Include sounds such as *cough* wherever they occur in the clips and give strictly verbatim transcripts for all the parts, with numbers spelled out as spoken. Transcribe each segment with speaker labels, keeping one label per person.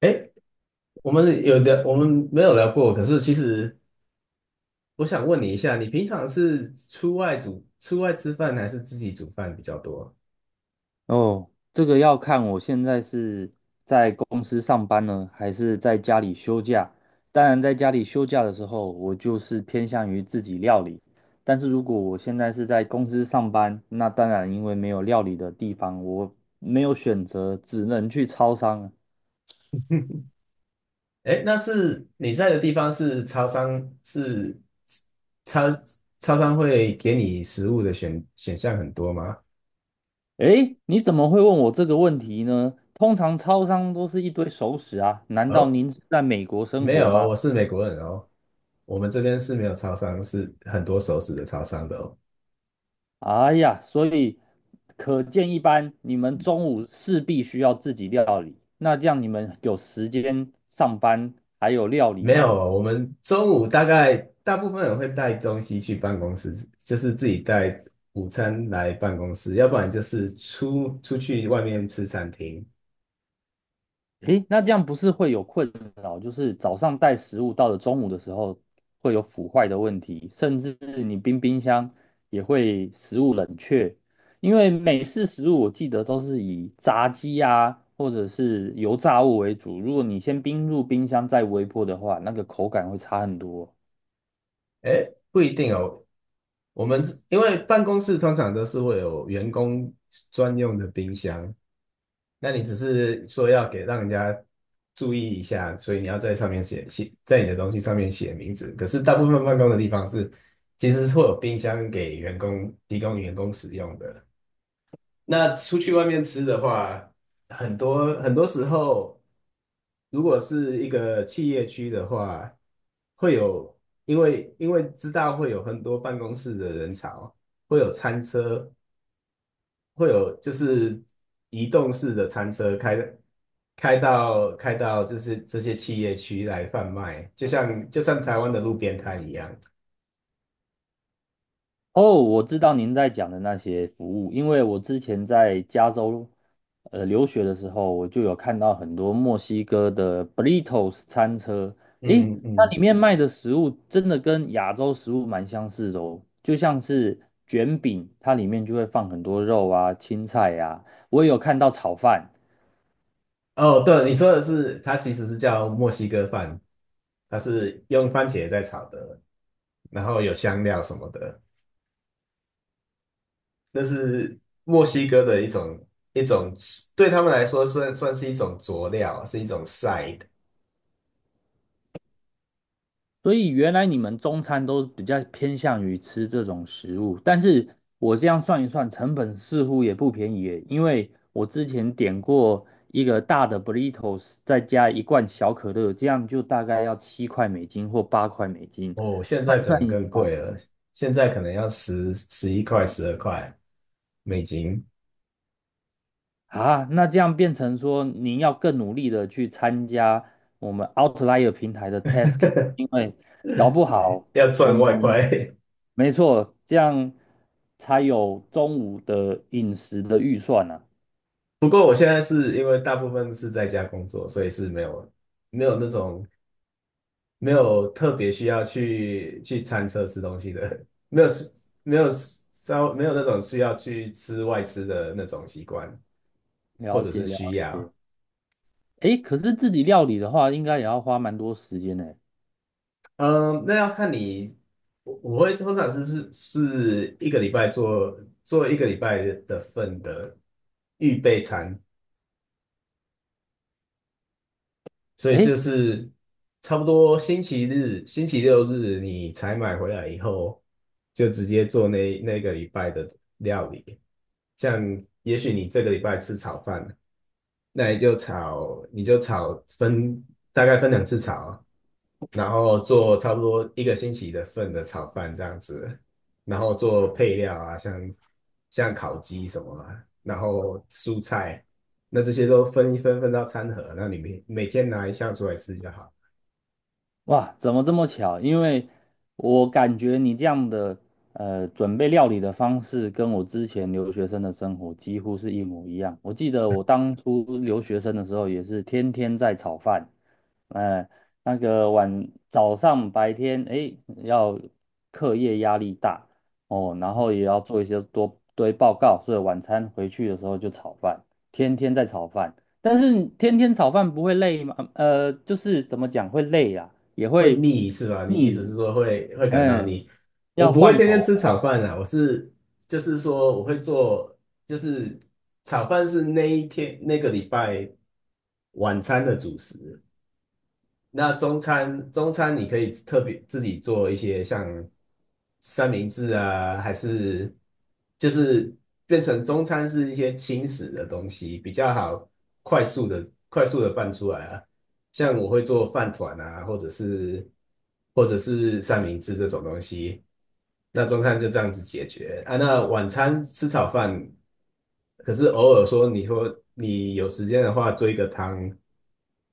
Speaker 1: 哎，我们有的，我们没有聊过。可是其实我想问你一下，你平常是出外煮、出外吃饭，还是自己煮饭比较多？
Speaker 2: 哦，这个要看我现在是在公司上班呢，还是在家里休假。当然，在家里休假的时候，我就是偏向于自己料理。但是如果我现在是在公司上班，那当然因为没有料理的地方，我没有选择，只能去超商。
Speaker 1: 哎，那是你在的地方是超商，是超超商会给你食物的选选项很多吗？
Speaker 2: 诶，你怎么会问我这个问题呢？通常超商都是一堆熟食啊，难道
Speaker 1: 哦，
Speaker 2: 您是在美国生
Speaker 1: 没
Speaker 2: 活
Speaker 1: 有
Speaker 2: 吗？
Speaker 1: 哦，我是美国人哦，我们这边是没有超商，是很多熟食的超商的哦。
Speaker 2: 哎呀，所以可见一斑，你们中午势必需要自己料理。那这样你们有时间上班还有料理
Speaker 1: 没有，
Speaker 2: 吗？
Speaker 1: 我们中午大概大部分人会带东西去办公室，就是自己带午餐来办公室，要不然就是出出去外面吃餐厅。
Speaker 2: 诶，那这样不是会有困扰，就是早上带食物到了中午的时候会有腐坏的问题，甚至你冰冰箱也会食物冷却，因为美式食物我记得都是以炸鸡啊或者是油炸物为主，如果你先冰入冰箱再微波的话，那个口感会差很多。
Speaker 1: 哎，不一定哦。我们因为办公室通常都是会有员工专用的冰箱，那你只是说要给让人家注意一下，所以你要在上面写写，在你的东西上面写名字。可是大部分办公的地方是，其实是会有冰箱给员工提供员工使用的。那出去外面吃的话，很多很多时候，如果是一个企业区的话，会有，因为因为知道会有很多办公室的人潮，会有餐车，会有就是移动式的餐车开开到开到就是这些企业区来贩卖，就像就像台湾的路边摊一样。
Speaker 2: 哦，我知道您在讲的那些服务，因为我之前在加州呃留学的时候，我就有看到很多墨西哥的 burritos 餐车，诶，
Speaker 1: 嗯
Speaker 2: 它
Speaker 1: 嗯。
Speaker 2: 里面卖的食物真的跟亚洲食物蛮相似的哦，就像是卷饼，它里面就会放很多肉啊、青菜呀、我也有看到炒饭，
Speaker 1: 哦，对，你说的是，它其实是叫墨西哥饭，它是用番茄在炒的，然后有香料什么的，那是墨西哥的一种一种，对他们来说算算是一种佐料，是一种 side。
Speaker 2: 所以原来你们中餐都比较偏向于吃这种食物，但是我这样算一算，成本似乎也不便宜耶，因为我之前点过一个大的 burritos,再加一罐小可乐，这样就大概要七块美金或八块美金。
Speaker 1: 哦，现在可
Speaker 2: 算
Speaker 1: 能
Speaker 2: 一
Speaker 1: 更
Speaker 2: 下
Speaker 1: 贵了，现在可能要十十一块、十二块美金，
Speaker 2: 啊，那这样变成说，您要更努力的去参加我们 Outlier 平台的 tasking,
Speaker 1: *laughs*
Speaker 2: 因为搞不好
Speaker 1: 要
Speaker 2: 我
Speaker 1: 赚外
Speaker 2: 们
Speaker 1: 快。*laughs*
Speaker 2: 没错，这样才有中午的饮食的预算啊。
Speaker 1: 不过我现在是因为大部分是在家工作，所以是没有没有那种。没有特别需要去去餐车吃东西的，*laughs* 没有没有稍没有那种需要去吃外吃的那种习惯，或
Speaker 2: 了
Speaker 1: 者是
Speaker 2: 解了
Speaker 1: 需
Speaker 2: 解，
Speaker 1: 要。
Speaker 2: 诶，可是自己料理的话，应该也要花蛮多时间呢。
Speaker 1: 嗯，那要看你，我我会通常是是是一个礼拜做做一个礼拜的份的预备餐，所以就
Speaker 2: 诶，
Speaker 1: 是差不多星期日、星期六日你采买回来以后，就直接做那那个礼拜的料理。像也许你这个礼拜吃炒饭，那你就炒，你就炒分大概分两次炒，然后做差不多一个星期的份的炒饭这样子，然后做配料啊，像像烤鸡什么啊然后蔬菜，那这些都分一分分到餐盒，那里面每天拿一项出来吃就好。
Speaker 2: 哇，怎么这么巧？因为我感觉你这样的呃准备料理的方式，跟我之前留学生的生活几乎是一模一样。我记得我当初留学生的时候，也是天天在炒饭，呃，那个晚早上白天诶要课业压力大哦，然后也要做一些多堆报告，所以晚餐回去的时候就炒饭，天天在炒饭。但是天天炒饭不会累吗？呃，就是怎么讲会累啊？也
Speaker 1: 会
Speaker 2: 会
Speaker 1: 腻是吧？你意
Speaker 2: 腻，
Speaker 1: 思是说会会感到
Speaker 2: 嗯，
Speaker 1: 腻？我
Speaker 2: 要
Speaker 1: 不会
Speaker 2: 换
Speaker 1: 天
Speaker 2: 口
Speaker 1: 天吃
Speaker 2: 味
Speaker 1: 炒饭啊，我是就是说我会做，就是炒饭是那一天那个礼拜晚餐的主食，那中餐，中餐你可以特别自己做一些像三明治啊，还是就是变成中餐是一些轻食的东西，比较好快速的快速的拌出来啊。像我会做饭团啊，或者是或者是三明治这种东西。那中餐就这样子解决啊。那晚餐吃炒饭，可是偶尔说你说你有时间的话做一个汤，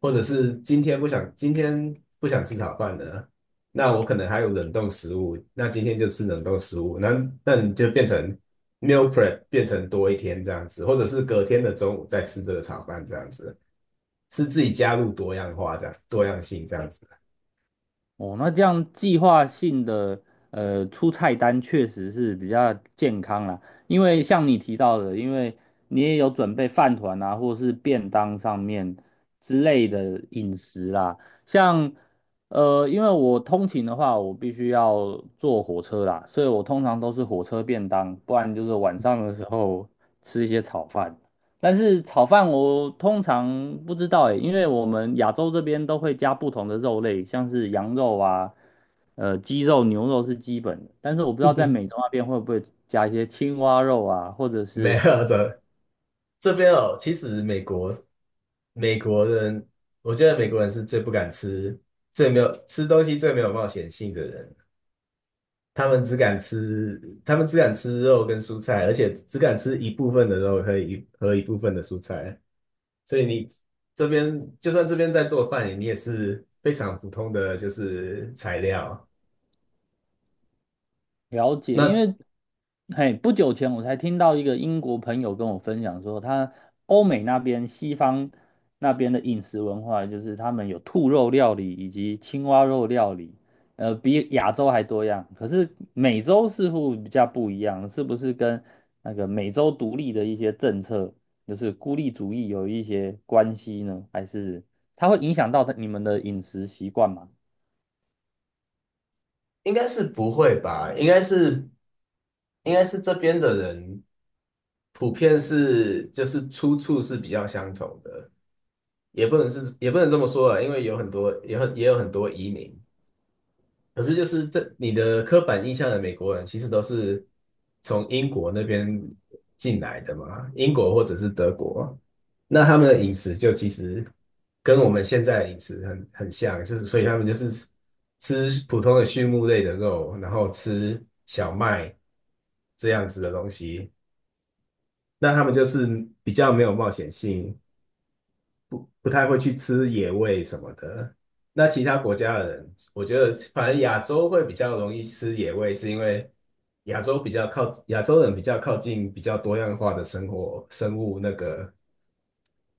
Speaker 1: 或者是今天不想今天不想吃炒饭的，那我可能还有冷冻食物，那今天就吃冷冻食物，那那你就变成 meal prep 变成多一天这样子，或者是隔天的中午再吃这个炒饭这样子，是自己加入多样化这样多样性这样子。
Speaker 2: 哦。那这样计划性的呃出菜单确实是比较健康啦，因为像你提到的，因为你也有准备饭团啊，或是便当上面之类的饮食啦。像呃，因为我通勤的话，我必须要坐火车啦，所以我通常都是火车便当，不然就是晚上的时候吃一些炒饭。但是炒饭我通常不知道诶，因为我们亚洲这边都会加不同的肉类，像是羊肉啊、呃鸡肉、牛肉是基本的，但是我不知道在美洲那边会不会加一些青蛙肉啊，或者
Speaker 1: *laughs* 没
Speaker 2: 是
Speaker 1: 有的，这边哦，其实美国美国人，我觉得美国人是最不敢吃、最没有吃东西最没有冒险性的人。他们只敢吃，他们只敢吃肉跟蔬菜，而且只敢吃一部分的肉和一和一部分的蔬菜。所以你这边就算这边在做饭，你也是非常普通的就是材料。
Speaker 2: 了解，因
Speaker 1: 那
Speaker 2: 为嘿，不久前我才听到一个英国朋友跟我分享说，他欧美那边西方那边的饮食文化，就是他们有兔肉料理以及青蛙肉料理，呃，比亚洲还多样。可是美洲似乎比较不一样，是不是跟那个美洲独立的一些政策，就是孤立主义有一些关系呢？还是它会影响到你们的饮食习惯吗？
Speaker 1: 应该是不会吧？应该是。应该是这边的人普遍是就是出处是比较相同的，也不能是也不能这么说啊，因为有很多也很也有很多移民，可是就是这你的刻板印象的美国人其实都是从英国那边进来的嘛，英国或者是德国，那他们的饮食就其实跟我们现在的饮食很很像，就是所以他们就是吃普通的畜牧类的肉，然后吃小麦这样子的东西。那他们就是比较没有冒险性，不太会去吃野味什么的。那其他国家的人，我觉得反正亚洲会比较容易吃野味，是因为亚洲比较靠亚洲人比较靠近比较多样化的生活生物那个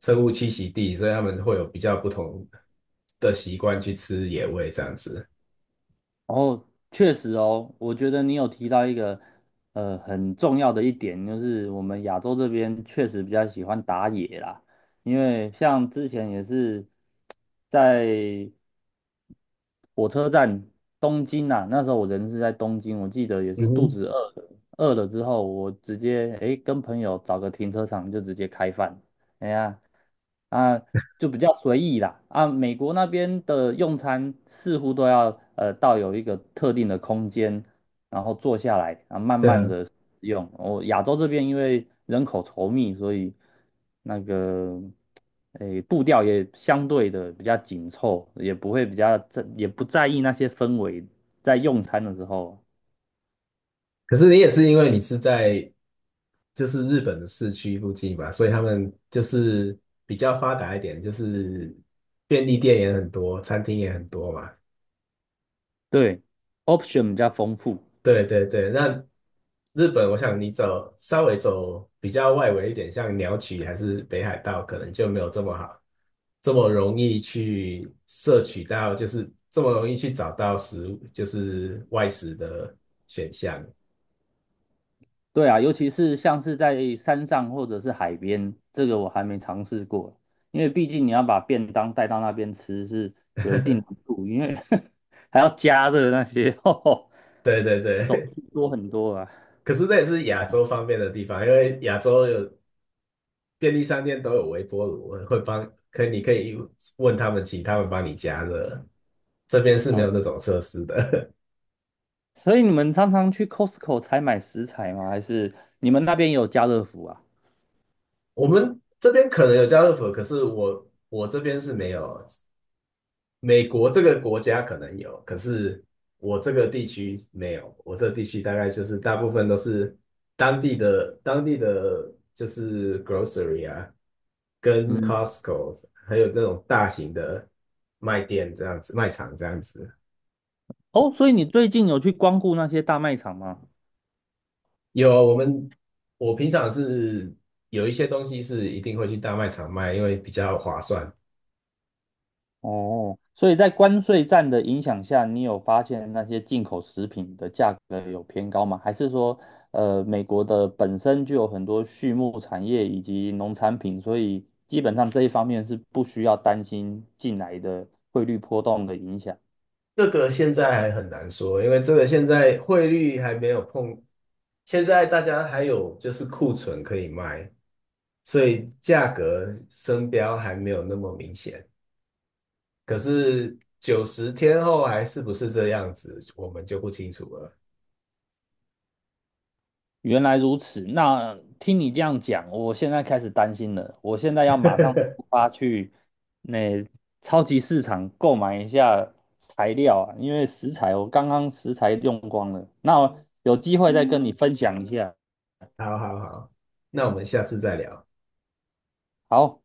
Speaker 1: 生物栖息地，所以他们会有比较不同的习惯去吃野味这样子。
Speaker 2: 哦，确实哦，我觉得你有提到一个呃很重要的一点，就是我们亚洲这边确实比较喜欢打野啦，因为像之前也是在火车站东京啊，那时候我人是在东京，我记得也
Speaker 1: 嗯
Speaker 2: 是肚
Speaker 1: 哼，
Speaker 2: 子饿了，饿了之后我直接诶跟朋友找个停车场就直接开饭，哎呀啊就比较随意啦啊，美国那边的用餐似乎都要呃到有一个特定的空间，然后坐下来啊慢
Speaker 1: 对
Speaker 2: 慢
Speaker 1: 啊。
Speaker 2: 的用。我亚洲这边因为人口稠密，所以那个。诶，步调也相对的比较紧凑，也不会比较在，也不在意那些氛围，在用餐的时候，
Speaker 1: 可是你也是因为你是在就是日本的市区附近嘛，所以他们就是比较发达一点，就是便利店也很多，餐厅也很多嘛。
Speaker 2: 对，option 比较丰富。
Speaker 1: 对对对，那日本，我想你走稍微走比较外围一点，像鸟取还是北海道，可能就没有这么好，这么容易去摄取到，就是这么容易去找到食物，就是外食的选项。
Speaker 2: 对啊，尤其是像是在山上或者是海边，这个我还没尝试过，因为毕竟你要把便当带到那边吃是有一定难度，因为 *laughs* 还要加热那些，*laughs* 哦
Speaker 1: 对对
Speaker 2: 手
Speaker 1: 对。
Speaker 2: 续
Speaker 1: *laughs*
Speaker 2: 多很多啊。
Speaker 1: 可是那也是亚
Speaker 2: 这样
Speaker 1: 洲方面的地方，因为亚洲有便利商店都有微波炉，会帮，可你可以问他们，请他们帮你加热。这边是没
Speaker 2: 了
Speaker 1: 有
Speaker 2: 解，
Speaker 1: 那种设施的，
Speaker 2: 所以你们常常去 Costco 采买食材吗？还是你们那边有家乐福啊？
Speaker 1: *laughs* 我们这边可能有家乐福，可是我我这边是没有。美国这个国家可能有，可是我这个地区没有。我这个地区大概就是大部分都是当地的当地的就是 grocery 啊，跟
Speaker 2: 嗯，
Speaker 1: Costco，还有那种大型的卖店这样子，卖场这样子。
Speaker 2: 哦，所以你最近有去光顾那些大卖场吗？
Speaker 1: 有，我们，我平常是有一些东西是一定会去大卖场卖，因为比较划算。
Speaker 2: 哦，所以在关税战的影响下，你有发现那些进口食品的价格有偏高吗？还是说，呃，美国的本身就有很多畜牧产业以及农产品，所以基本上这一方面是不需要担心进来的汇率波动的影响？
Speaker 1: 这个现在还很难说，因为这个现在汇率还没有碰，现在大家还有就是库存可以卖，所以价格升标还没有那么明显。可是九十天后还是不是这样子，我们就不清楚了。
Speaker 2: 原来如此，那听你这样讲，我现在开始担心了。我现在要马上出发去那超级市场购买一下材料啊，因为食材我刚刚食材用光了。那有机会再跟嗯你分享一下。
Speaker 1: 好好好，那我们下次再聊。
Speaker 2: 好。